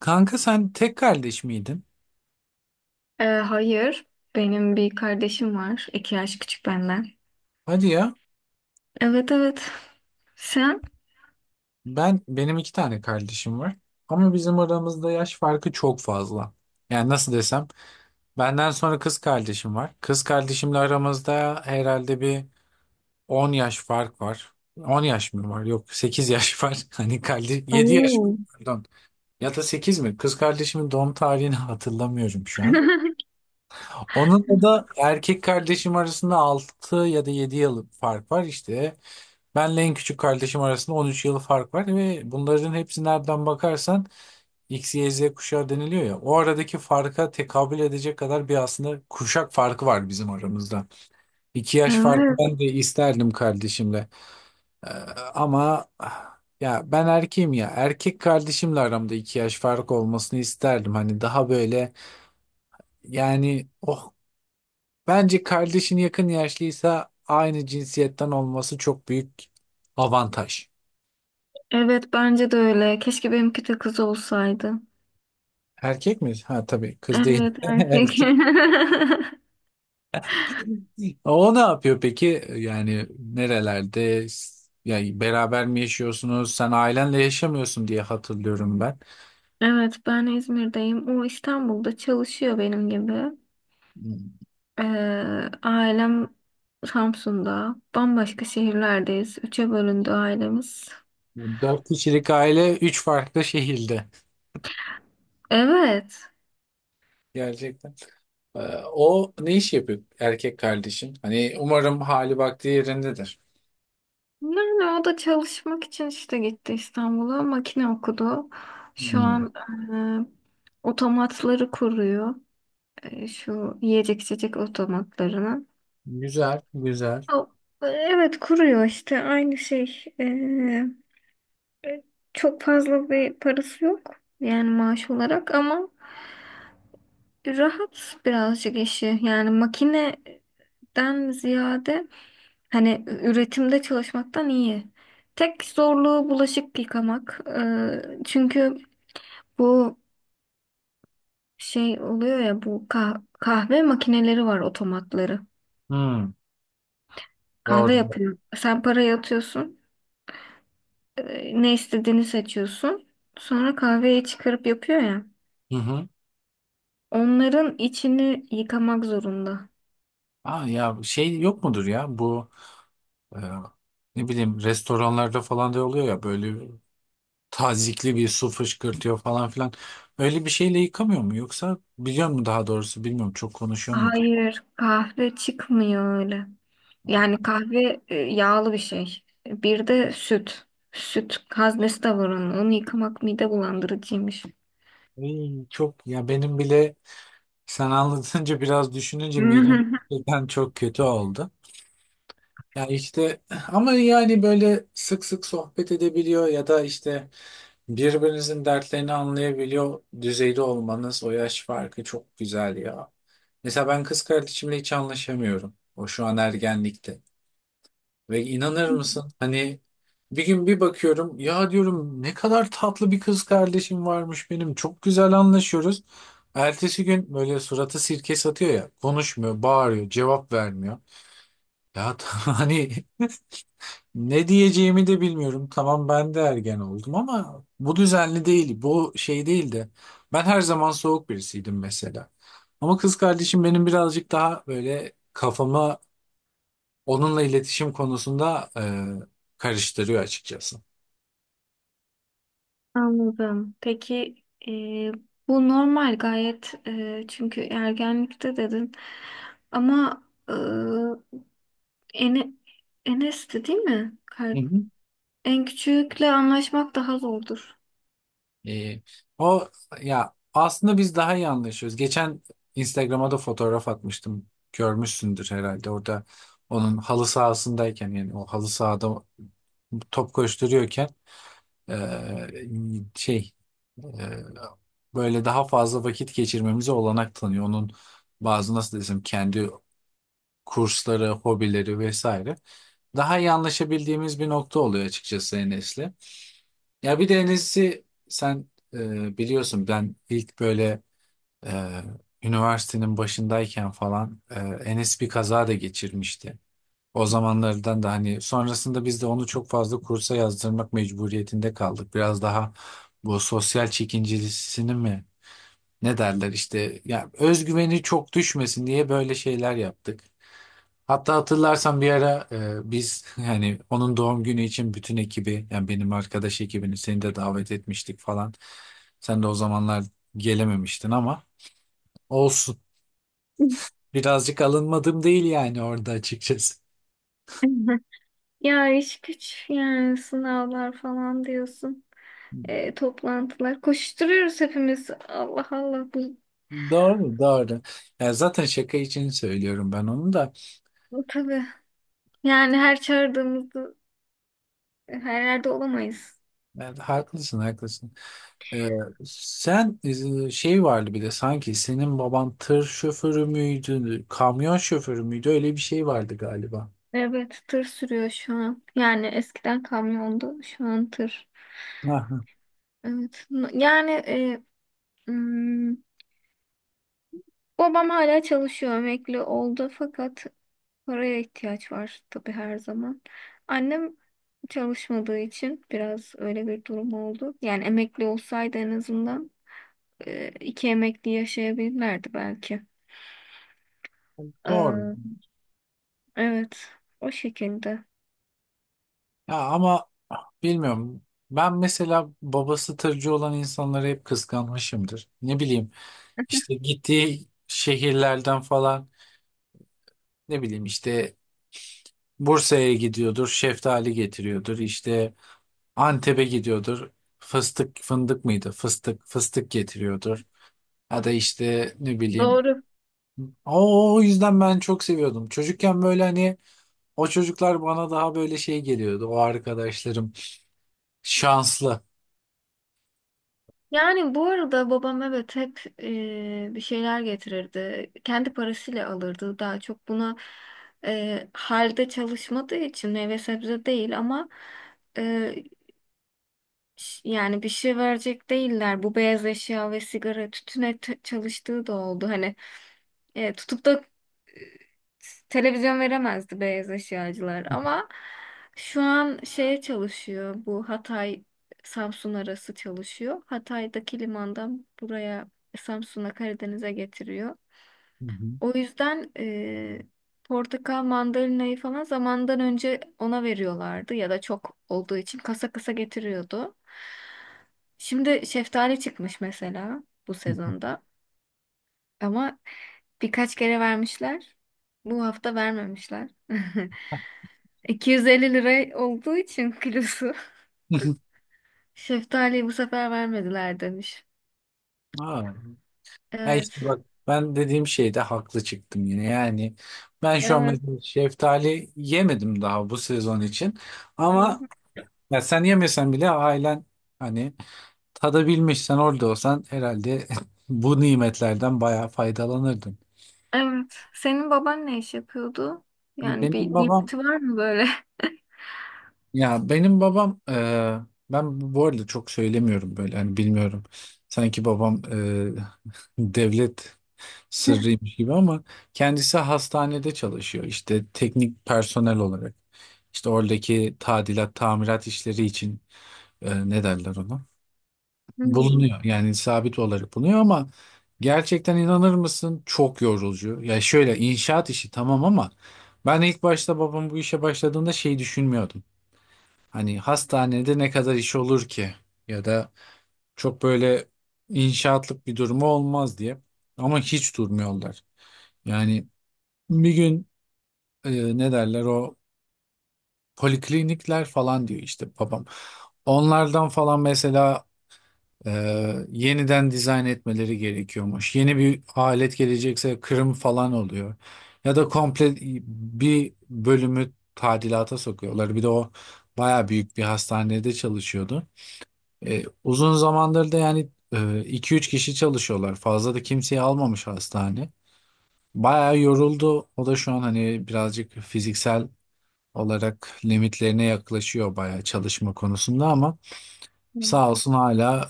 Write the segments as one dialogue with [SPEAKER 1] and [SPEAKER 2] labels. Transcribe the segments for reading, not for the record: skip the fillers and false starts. [SPEAKER 1] Kanka sen tek kardeş miydin?
[SPEAKER 2] Hayır. Benim bir kardeşim var. İki yaş küçük benden.
[SPEAKER 1] Hadi ya.
[SPEAKER 2] Evet evet. Sen?
[SPEAKER 1] Benim 2 tane kardeşim var. Ama bizim aramızda yaş farkı çok fazla. Yani nasıl desem, benden sonra kız kardeşim var. Kız kardeşimle aramızda herhalde bir 10 yaş fark var. 10 yaş mı var? Yok, 8 yaş var. Hani kardeş 7 yaş
[SPEAKER 2] Oo.
[SPEAKER 1] var, pardon. Ya da 8 mi? Kız kardeşimin doğum tarihini hatırlamıyorum şu an. Onunla da erkek kardeşim arasında 6 ya da 7 yıl fark var işte. Benle en küçük kardeşim arasında 13 yıl fark var ve bunların hepsi nereden bakarsan X, Y, Z kuşağı deniliyor ya. O aradaki farka tekabül edecek kadar bir aslında kuşak farkı var bizim aramızda. 2 yaş farkı
[SPEAKER 2] Evet.
[SPEAKER 1] ben de isterdim kardeşimle. Ee, ama ya ben erkeğim ya. Erkek kardeşimle aramda 2 yaş fark olmasını isterdim. Hani daha böyle yani bence kardeşin yakın yaşlıysa aynı cinsiyetten olması çok büyük avantaj.
[SPEAKER 2] Evet bence de öyle. Keşke benimki de kız olsaydı.
[SPEAKER 1] Erkek mi? Ha, tabii kız değil.
[SPEAKER 2] Evet erkek.
[SPEAKER 1] Erkek. O ne yapıyor peki? Yani nerelerde? Yani beraber mi yaşıyorsunuz? Sen ailenle yaşamıyorsun diye hatırlıyorum ben.
[SPEAKER 2] Evet ben İzmir'deyim. O İstanbul'da çalışıyor benim gibi. Ee, ailem Samsun'da. Bambaşka şehirlerdeyiz. Üçe bölündü ailemiz.
[SPEAKER 1] 4 kişilik aile 3 farklı şehirde.
[SPEAKER 2] Evet.
[SPEAKER 1] Gerçekten. Ee, O ne iş yapıyor erkek kardeşin? Hani umarım hali vakti yerindedir.
[SPEAKER 2] Yani o da çalışmak için işte gitti İstanbul'a. Makine okudu. Şu
[SPEAKER 1] Hmm.
[SPEAKER 2] an otomatları kuruyor. Şu yiyecek içecek otomatlarını.
[SPEAKER 1] Güzel, güzel.
[SPEAKER 2] O- Evet kuruyor işte aynı şey. E, Çok fazla bir parası yok. Yani maaş olarak ama rahat birazcık işi, yani makineden ziyade hani üretimde çalışmaktan iyi. Tek zorluğu bulaşık yıkamak. Çünkü bu şey oluyor ya, bu kahve makineleri var, otomatları.
[SPEAKER 1] Hmm.
[SPEAKER 2] Kahve
[SPEAKER 1] Doğru.
[SPEAKER 2] yapıyor. Sen parayı atıyorsun. Ne istediğini seçiyorsun. Sonra kahveyi çıkarıp yapıyor ya.
[SPEAKER 1] Hı hı.
[SPEAKER 2] Onların içini yıkamak zorunda.
[SPEAKER 1] Aa, ya şey yok mudur ya bu? Ee, ne bileyim restoranlarda falan da oluyor ya, böyle tazikli bir su fışkırtıyor falan filan. Öyle bir şeyle yıkamıyor mu yoksa biliyor mu, daha doğrusu bilmiyorum, çok konuşuyor mu?
[SPEAKER 2] Hayır, kahve çıkmıyor öyle. Yani kahve yağlı bir şey. Bir de süt. Süt haznesi de var onun. Onu yıkamak mide bulandırıcıymış.
[SPEAKER 1] Ay, çok ya, benim bile sen anlatınca biraz düşününce midem gerçekten çok kötü oldu. Ya işte, ama yani böyle sık sık sohbet edebiliyor ya da işte birbirinizin dertlerini anlayabiliyor düzeyde olmanız, o yaş farkı çok güzel ya. Mesela ben kız kardeşimle hiç anlaşamıyorum. O şu an ergenlikte. Ve inanır mısın, hani bir gün bir bakıyorum ya, diyorum ne kadar tatlı bir kız kardeşim varmış benim. Çok güzel anlaşıyoruz. Ertesi gün böyle suratı sirke satıyor ya, konuşmuyor, bağırıyor, cevap vermiyor. Ya, hani ne diyeceğimi de bilmiyorum. Tamam, ben de ergen oldum ama bu düzenli değil. Bu şey değildi. Ben her zaman soğuk birisiydim mesela. Ama kız kardeşim benim birazcık daha böyle kafamı onunla iletişim konusunda karıştırıyor açıkçası.
[SPEAKER 2] Anladım. Peki e, bu normal gayet, çünkü ergenlikte dedin ama e, Ene, Enes'ti değil mi?
[SPEAKER 1] Hı hı.
[SPEAKER 2] En küçükle anlaşmak daha zordur.
[SPEAKER 1] E, o ya aslında biz daha iyi anlaşıyoruz. Geçen Instagram'a da fotoğraf atmıştım. Görmüşsündür herhalde. Orada onun halı sahasındayken, yani o halı sahada top koşturuyorken Ee, şey e, böyle daha fazla vakit geçirmemize olanak tanıyor. Onun bazı, nasıl desem, kendi kursları, hobileri vesaire. Daha iyi anlaşabildiğimiz bir nokta oluyor açıkçası Enes'le. Ya bir de Enes'i sen biliyorsun, ben ilk böyle e, üniversitenin başındayken falan, Enes bir kaza da geçirmişti. O zamanlardan da hani sonrasında biz de onu çok fazla kursa yazdırmak mecburiyetinde kaldık. Biraz daha bu sosyal çekincisini mi, ne derler işte, ya özgüveni çok düşmesin diye böyle şeyler yaptık. Hatta hatırlarsan bir ara biz hani onun doğum günü için bütün ekibi, yani benim arkadaş ekibini, seni de davet etmiştik falan. Sen de o zamanlar gelememiştin ama olsun. Birazcık alınmadım değil yani orada, açıkçası.
[SPEAKER 2] Ya iş güç, yani sınavlar falan diyorsun. Toplantılar. Koşturuyoruz hepimiz. Allah Allah,
[SPEAKER 1] Doğru, doğru. Ya zaten şaka için söylüyorum ben onu da.
[SPEAKER 2] bu tabii. Yani her çağırdığımızda her yerde olamayız.
[SPEAKER 1] Ya haklısın, haklısın. Ee, sen şey vardı, bir de sanki senin baban tır şoförü müydü, kamyon şoförü müydü? Öyle bir şey vardı galiba.
[SPEAKER 2] Evet, tır sürüyor şu an. Yani eskiden kamyondu, şu an tır.
[SPEAKER 1] Aha,
[SPEAKER 2] Evet. Yani hmm, babam hala çalışıyor, emekli oldu fakat paraya ihtiyaç var tabii her zaman. Annem çalışmadığı için biraz öyle bir durum oldu. Yani emekli olsaydı en azından iki emekli yaşayabilirlerdi belki.
[SPEAKER 1] doğru.
[SPEAKER 2] Ee, evet, o şekilde.
[SPEAKER 1] Ya ama bilmiyorum. Ben mesela babası tırcı olan insanları hep kıskanmışımdır. Ne bileyim, işte gittiği şehirlerden falan, ne bileyim işte Bursa'ya gidiyordur, şeftali getiriyordur, işte Antep'e gidiyordur. Fıstık fındık mıydı? Fıstık, fıstık getiriyordur. Ya da işte, ne bileyim.
[SPEAKER 2] Doğru.
[SPEAKER 1] O yüzden ben çok seviyordum. Çocukken böyle hani o çocuklar bana daha böyle şey geliyordu. O arkadaşlarım şanslı.
[SPEAKER 2] Yani bu arada babam evet hep bir şeyler getirirdi. Kendi parasıyla alırdı daha çok. Buna halde çalışmadığı için meyve sebze değil ama yani bir şey verecek değiller. Bu beyaz eşya ve sigara tütüne çalıştığı da oldu. Hani tutup da e, televizyon veremezdi beyaz eşyacılar. Ama şu an şeye çalışıyor. Bu Hatay Samsun arası çalışıyor. Hatay'daki limandan buraya, Samsun'a, Karadeniz'e getiriyor.
[SPEAKER 1] Hı hı.
[SPEAKER 2] O yüzden portakal mandalinayı falan zamandan önce ona veriyorlardı ya da çok olduğu için kasa kasa getiriyordu. Şimdi şeftali çıkmış mesela bu sezonda ama birkaç kere vermişler. Bu hafta vermemişler. 250 lira olduğu için kilosu. Şeftaliyi bu sefer vermediler demiş.
[SPEAKER 1] Ha. Ya
[SPEAKER 2] Evet.
[SPEAKER 1] işte bak, ben dediğim şeyde haklı çıktım yine. Yani ben şu an
[SPEAKER 2] Evet.
[SPEAKER 1] mesela şeftali yemedim daha bu sezon için.
[SPEAKER 2] Hı
[SPEAKER 1] Ama
[SPEAKER 2] hı.
[SPEAKER 1] ya sen yemesen bile ailen, hani tadabilmiş, sen orada olsan herhalde bu nimetlerden bayağı faydalanırdın.
[SPEAKER 2] Evet. Senin baban ne iş yapıyordu? Yani bir
[SPEAKER 1] Benim babam,
[SPEAKER 2] nimeti var mı böyle?
[SPEAKER 1] ya benim babam eee, ben bu arada çok söylemiyorum böyle, hani bilmiyorum. Sanki babam devlet sırrıymış gibi, ama kendisi hastanede çalışıyor işte, teknik personel olarak. İşte oradaki tadilat, tamirat işleri için, ne derler ona,
[SPEAKER 2] Hmm,
[SPEAKER 1] bulunuyor. Yani sabit olarak bulunuyor ama gerçekten inanır mısın, çok yorucu. Ya şöyle, inşaat işi tamam ama ben ilk başta babam bu işe başladığında şey düşünmüyordum. Hani hastanede ne kadar iş olur ki, ya da çok böyle inşaatlık bir durumu olmaz diye. Ama hiç durmuyorlar. Yani bir gün ne derler, o poliklinikler falan diyor işte babam. Onlardan falan mesela yeniden dizayn etmeleri gerekiyormuş. Yeni bir alet gelecekse kırım falan oluyor. Ya da komple bir bölümü tadilata sokuyorlar. Bir de o baya büyük bir hastanede çalışıyordu. Uzun zamandır da yani 2-3 kişi çalışıyorlar. Fazla da kimseyi almamış hastane. Baya yoruldu. O da şu an hani birazcık fiziksel olarak limitlerine yaklaşıyor baya, çalışma konusunda. Ama sağ olsun hala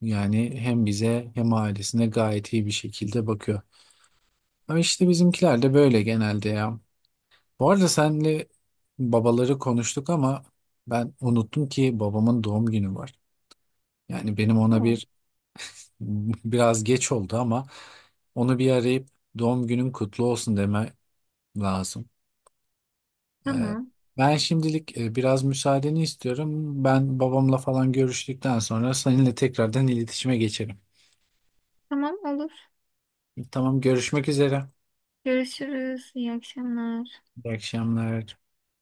[SPEAKER 1] yani hem bize hem ailesine gayet iyi bir şekilde bakıyor. Ama işte bizimkiler de böyle genelde ya. Bu arada senle babaları konuştuk ama ben unuttum ki, babamın doğum günü var. Yani benim ona
[SPEAKER 2] hmm.
[SPEAKER 1] bir biraz geç oldu ama onu bir arayıp doğum günün kutlu olsun deme lazım. Ee,
[SPEAKER 2] Tamam.
[SPEAKER 1] ben şimdilik biraz müsaadeni istiyorum. Ben babamla falan görüştükten sonra seninle tekrardan iletişime geçerim.
[SPEAKER 2] Tamam olur.
[SPEAKER 1] Tamam, görüşmek üzere.
[SPEAKER 2] Görüşürüz. İyi akşamlar.
[SPEAKER 1] İyi akşamlar.